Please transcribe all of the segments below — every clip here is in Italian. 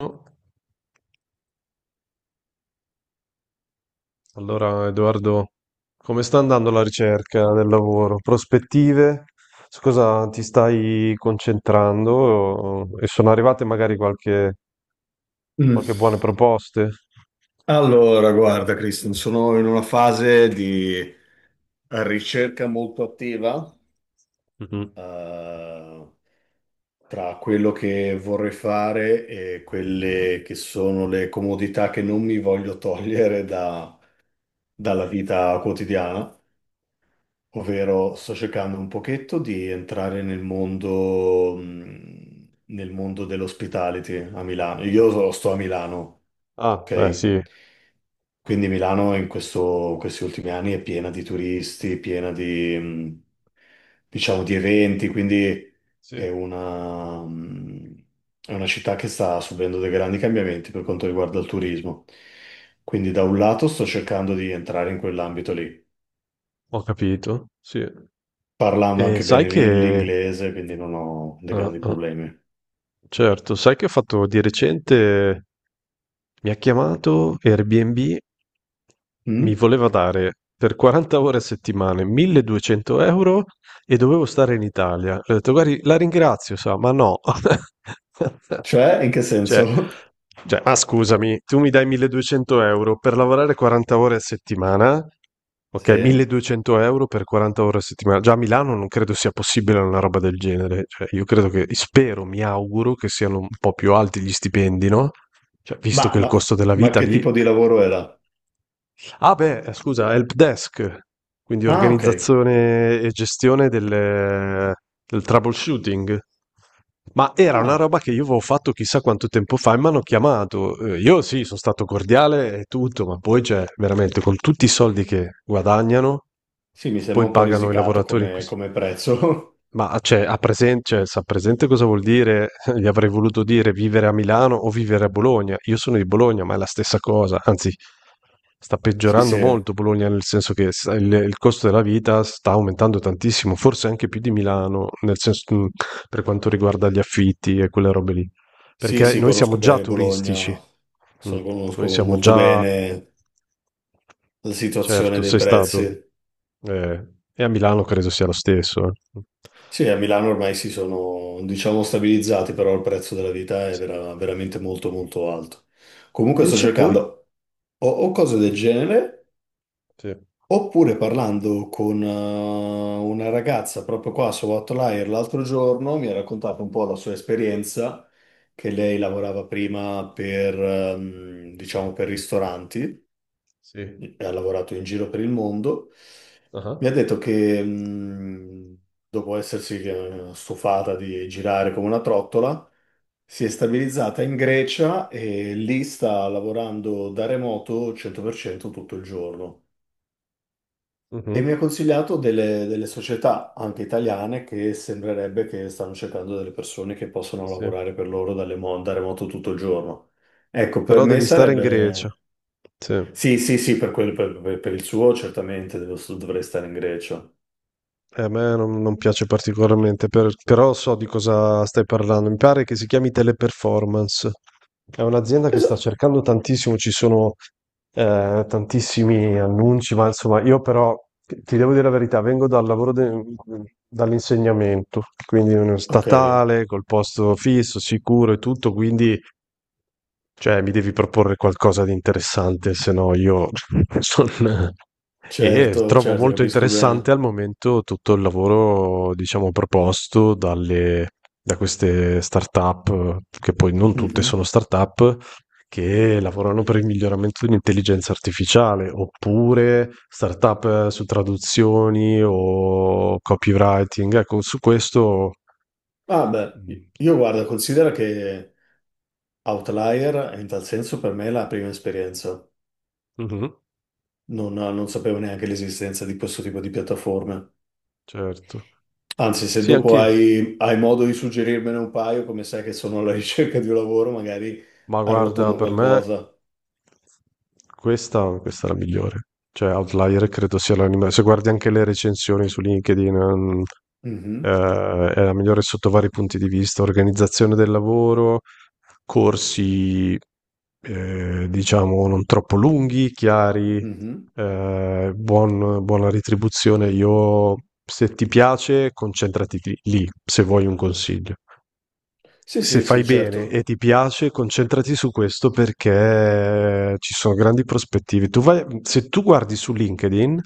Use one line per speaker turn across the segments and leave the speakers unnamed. No. Allora, Edoardo, come sta andando la ricerca del lavoro? Prospettive? Su cosa ti stai concentrando? E sono arrivate magari qualche
Mm.
buone proposte?
Allora, guarda, Kristen, sono in una fase di ricerca molto attiva,
Mhm.
eh, tra quello che vorrei fare e quelle che sono le comodità che non mi voglio togliere dalla vita quotidiana, ovvero sto cercando un pochetto di entrare nel mondo, nel mondo dell'hospitality a Milano. Io sto a Milano,
Ah, beh,
ok?
sì,
Quindi Milano in questi ultimi anni è piena di turisti, piena di, diciamo, di eventi, quindi
sì,
è una, mh, è una città che sta subendo dei grandi cambiamenti per quanto riguarda il turismo. Quindi da un lato sto cercando di entrare in quell'ambito lì,
ho capito, sì.
parlando
E
anche
sai
bene
che,
l'inglese, quindi non ho dei
ah,
grandi
ah,
problemi.
certo, sai che ho fatto di recente. Mi ha chiamato Airbnb, mi
Mm?
voleva dare per 40 ore a settimana 1.200 euro e dovevo stare in Italia. Le ho detto, guardi, la ringrazio, sa, ma no.
Cioè, in che
Cioè,
senso?
cioè, ma scusami, tu mi dai 1.200 euro per lavorare 40 ore a settimana? Ok,
Sì?
1.200 euro per 40 ore a settimana. Già a Milano non credo sia possibile una roba del genere. Cioè, io credo che, spero, mi auguro che siano un po' più alti gli stipendi, no? Cioè, visto
Ma,
che il
ma
costo della
ma
vita
che
lì.
tipo di lavoro era?
Ah beh, scusa, help desk, quindi
Ah, ok.
organizzazione e gestione del troubleshooting. Ma era una
Ah.
roba che io avevo fatto chissà quanto tempo fa e mi hanno chiamato. Io sì, sono stato cordiale e tutto, ma poi cioè, veramente con tutti i soldi che guadagnano,
Sì, mi sembra
poi
un po'
pagano i
risicato
lavoratori in
come,
questo.
come prezzo.
Ma cioè, cioè, sa presente cosa vuol dire? Gli avrei voluto dire vivere a Milano o vivere a Bologna. Io sono di Bologna, ma è la stessa cosa, anzi, sta
Sì,
peggiorando
sì,
molto Bologna, nel senso che il costo della vita sta aumentando tantissimo, forse anche più di Milano, nel senso, per quanto riguarda gli affitti e quelle robe lì.
sì,
Perché
sì,
noi siamo
conosco
già
bene Bologna,
turistici. Mm. Noi
conosco
siamo
molto
già,
bene la situazione
certo,
dei
sei stato,
prezzi.
eh, e a Milano credo sia lo stesso. Eh.
Sì, a Milano ormai si sono, diciamo, stabilizzati, però il prezzo della vita è
Sì.
veramente molto, molto alto. Comunque sto
Invece poi...
cercando o cose del genere.
Sì,
Oppure parlando con una ragazza proprio qua su Outlier l'altro giorno mi ha raccontato un po' la sua esperienza, che lei lavorava prima per, diciamo, per ristoranti,
sì.
e ha lavorato in giro per il mondo. Mi
Ah.
ha detto che dopo essersi stufata di girare come una trottola, si è stabilizzata in Grecia e lì sta lavorando da remoto 100% tutto il giorno.
Mh-mh,
E mi ha consigliato delle, delle società, anche italiane, che sembrerebbe che stanno cercando delle persone che possono
sì,
lavorare per loro dalle da remoto tutto il giorno. Ecco, per
però
me
devi stare in Grecia.
sarebbe...
Sì.
Sì, sì, sì, per, per il suo certamente dovrei stare in Grecia.
A me non piace particolarmente, però so di cosa stai parlando. Mi pare che si chiami Teleperformance. È un'azienda che sta
Esa-
cercando tantissimo, ci sono tantissimi annunci, ma insomma, io però ti devo dire la verità, vengo dal lavoro dall'insegnamento, quindi uno
Ok,
statale, col posto fisso, sicuro e tutto, quindi cioè, mi devi proporre qualcosa di interessante, se no io sono. E
certo,
trovo
certo,
molto
capisco
interessante
bene.
al momento tutto il lavoro, diciamo, proposto da queste start-up, che poi non tutte
Mhm.
sono start-up, che lavorano per il miglioramento dell'intelligenza artificiale, oppure start-up su traduzioni o copywriting. Ecco, su questo...
Ah, beh, io guarda, considera che Outlier in tal senso per me è la prima esperienza.
Mhm,
Non sapevo neanche l'esistenza di questo tipo di piattaforme.
certo.
Anzi, se
Sì,
dopo
anche...
hai modo di suggerirmene un paio, come sai che sono alla ricerca di un lavoro, magari
Ma guarda,
arrotondo
per me
qualcosa.
questa è la migliore. Cioè, Outlier credo sia l'anime. Se guardi anche le recensioni su LinkedIn,
Mhm,
è la migliore sotto vari punti di vista: organizzazione del lavoro, corsi, diciamo, non troppo lunghi, chiari,
mhm.
buona retribuzione. Io, se ti piace, concentrati lì, se vuoi un consiglio.
Sì,
Se
sì,
fai
sì,
bene e
certo.
ti piace, concentrati su questo perché ci sono grandi prospettive. Se tu guardi su LinkedIn,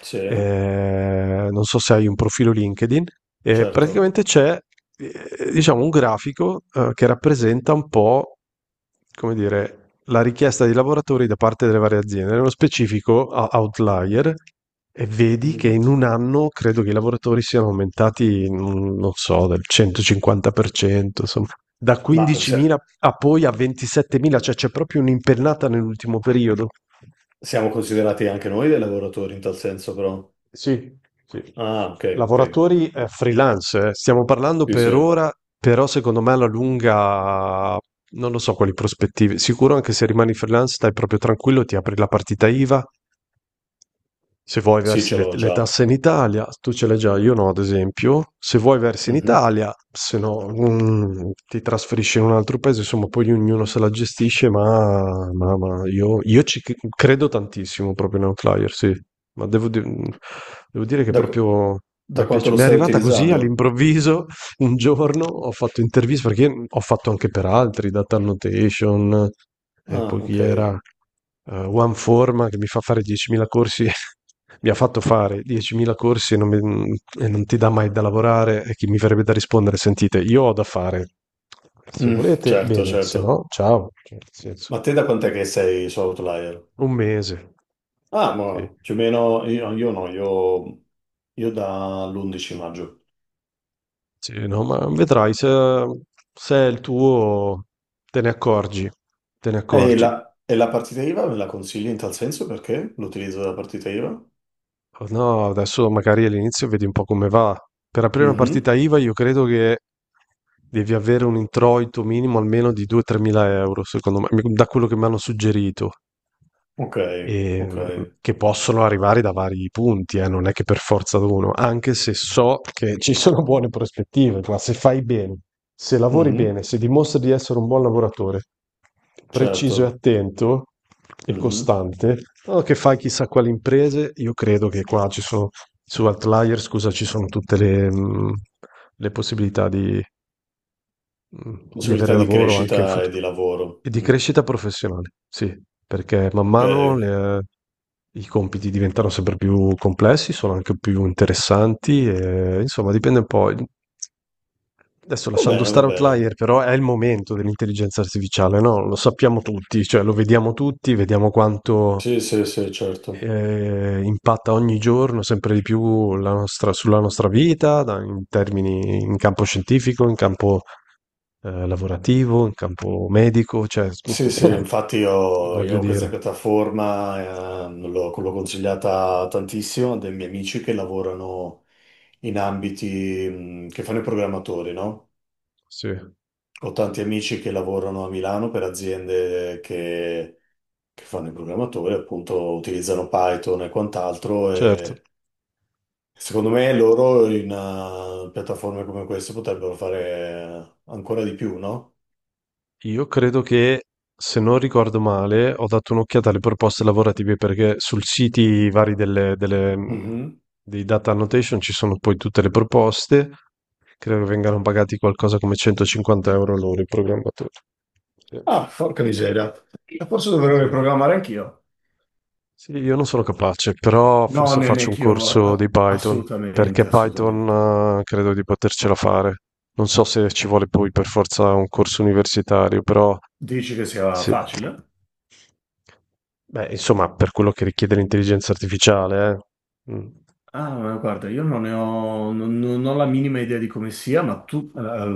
Sì,
non so se hai un profilo LinkedIn,
certo.
praticamente c'è, diciamo, un grafico, che rappresenta un po', come dire, la richiesta di lavoratori da parte delle varie aziende, nello specifico Outlier, e vedi che
Mhm.
in un anno credo che i lavoratori siano aumentati, non so, del 150%, insomma, da
Ma se-
15.000 a poi a 27.000, cioè c'è proprio un'impennata nell'ultimo periodo.
siamo considerati anche noi dei lavoratori in tal senso, però.
Sì, sì.
Ah, ok, ok.
Lavoratori freelance, eh. Stiamo parlando
Sì,
per
sì,
ora, però secondo me alla lunga non lo so quali prospettive. Sicuro anche se rimani freelance, stai proprio tranquillo, ti apri la partita IVA. Se vuoi
sì,
versi
ce
le,
l'ho
le
già.
tasse in Italia, tu ce l'hai già, io no, ad esempio. Se vuoi versi in
Mhm.
Italia, se no ti trasferisci in un altro paese, insomma, poi ognuno se la gestisce, ma io, ci credo tantissimo proprio in Outlier, sì. Ma devo dire che
Da, qu-
proprio mi
da
è
quanto
piaciuto,
lo
mi è
stai
arrivata così
utilizzando?
all'improvviso un giorno, ho fatto interviste perché ho fatto anche per altri, Data Annotation, e
Ah,
poi chi
ok.
era OneForma che mi fa fare 10.000 corsi, mi ha fatto fare 10.000 corsi e non ti dà mai da lavorare e chi mi verrebbe da rispondere, sentite, io ho da fare, se
Mm,
volete
certo,
bene, se
certo.
no ciao. Cioè, nel senso.
Ma te da quant'è che sei su Outlier?
Un mese.
Ah, ma
Sì.
più o meno io no, io dall'11 maggio.
Sì, no, ma vedrai se è il tuo, te ne accorgi, te ne
E
accorgi.
e la partita IVA me la consigli in tal senso perché l'utilizzo della partita IVA?
Oh, no, adesso magari all'inizio vedi un po' come va. Per aprire una
Mhm.
partita IVA io credo che devi avere un introito minimo almeno di 2-3 mila euro, secondo me, da quello che mi hanno suggerito,
Ok, ok.
ehm, che possono arrivare da vari punti, non è che per forza d'uno, anche se so che ci sono buone prospettive, ma se fai bene, se lavori
Mhm.
bene, se dimostri di essere un buon lavoratore, preciso e
Certo.
attento e
Mhm.
costante, o che fai chissà quali imprese, io credo che qua ci sono, su Outlier, scusa, ci sono tutte le possibilità mm, di
Possibilità
avere
di
lavoro anche in
crescita e
futuro.
di lavoro.
E di
Mm.
crescita professionale, sì, perché man
Ok,
mano i compiti diventano sempre più complessi, sono anche più interessanti, e, insomma, dipende un po'. Adesso
va
lasciando
bene, va
stare
bene.
Outlier, però è il momento dell'intelligenza artificiale, no? Lo sappiamo tutti, cioè lo vediamo tutti, vediamo quanto
Sì, sì, sì, certo.
impatta ogni giorno sempre di più sulla nostra vita, in termini in campo scientifico, in campo lavorativo, in campo medico, cioè,
Sì, sì, infatti
voglio
io questa
dire,
piattaforma l'ho consigliata tantissimo a dei miei amici che lavorano in ambiti che fanno i programmatori, no?
sì,
Ho tanti amici che lavorano a Milano per che fanno i programmatori, appunto utilizzano Python e quant'altro
certo.
e secondo me loro in piattaforme come queste potrebbero fare ancora di più, no?
Io credo che, se non ricordo male, ho dato un'occhiata alle proposte lavorative perché sul siti vari
Mhm.
dei data annotation ci sono poi tutte le proposte. Credo che vengano pagati qualcosa come 150 euro loro i programmatori. Sì,
Ah, porca miseria. Forse dovrei
sì.
riprogrammare anch'io.
Sì, io non sono capace, però
No,
forse faccio un
neanch'io,
corso di Python, perché
assolutamente, assolutamente.
Python, credo di potercela fare. Non so se ci vuole poi per forza un corso universitario, però
Dici che sia
sì.
facile?
Beh, insomma, per quello che richiede l'intelligenza artificiale, eh. Mm.
Ah, ma guarda, io non ne ho, non ho la minima idea di come sia, ma tu, il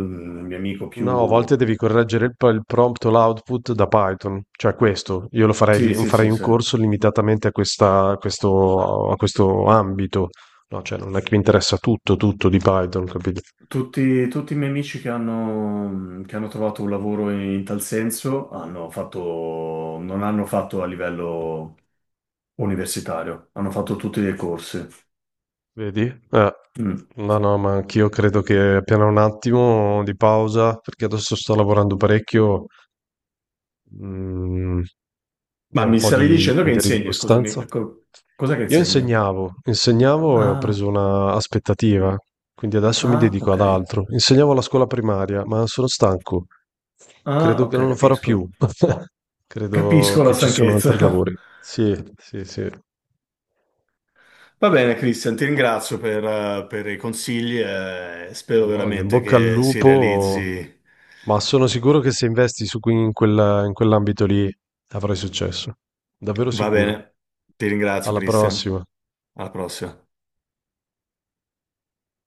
mio amico
No, a
più...
volte devi correggere il prompt o l'output da Python, cioè questo, io lo farei,
Sì, sì,
farei
sì,
un
sì.
corso limitatamente a questo ambito, no, cioè non è che mi interessa tutto, tutto di Python, capito?
Tutti i miei amici che che hanno trovato un lavoro in, in tal senso hanno fatto, non hanno fatto a livello universitario, hanno fatto tutti dei corsi.
Vedi? Eh,
Mm.
no, no, ma anch'io credo che appena un attimo di pausa, perché adesso sto lavorando parecchio, mm, è
Ma
un
mi
po'
stavi
di,
dicendo che
come dire, di
insegni,
costanza.
scusami, cos'è che
Io
insegni?
insegnavo e ho preso
Ah,
una aspettativa, quindi adesso mi
ah,
dedico
ok.
ad altro. Insegnavo alla scuola primaria, ma sono stanco.
Ah,
Credo che
ok,
non lo farò più.
capisco.
Credo
Capisco la
che ci sono altri
stanchezza.
lavori. Sì, sì, sì.
Va bene, Christian, ti ringrazio per i consigli e spero
Non voglio, in
veramente
bocca al
che si
lupo,
realizzi.
ma sono sicuro che se investi in quell'ambito lì avrai successo. Davvero
Va
sicuro.
bene, ti ringrazio,
Alla
Christian.
prossima.
Alla prossima.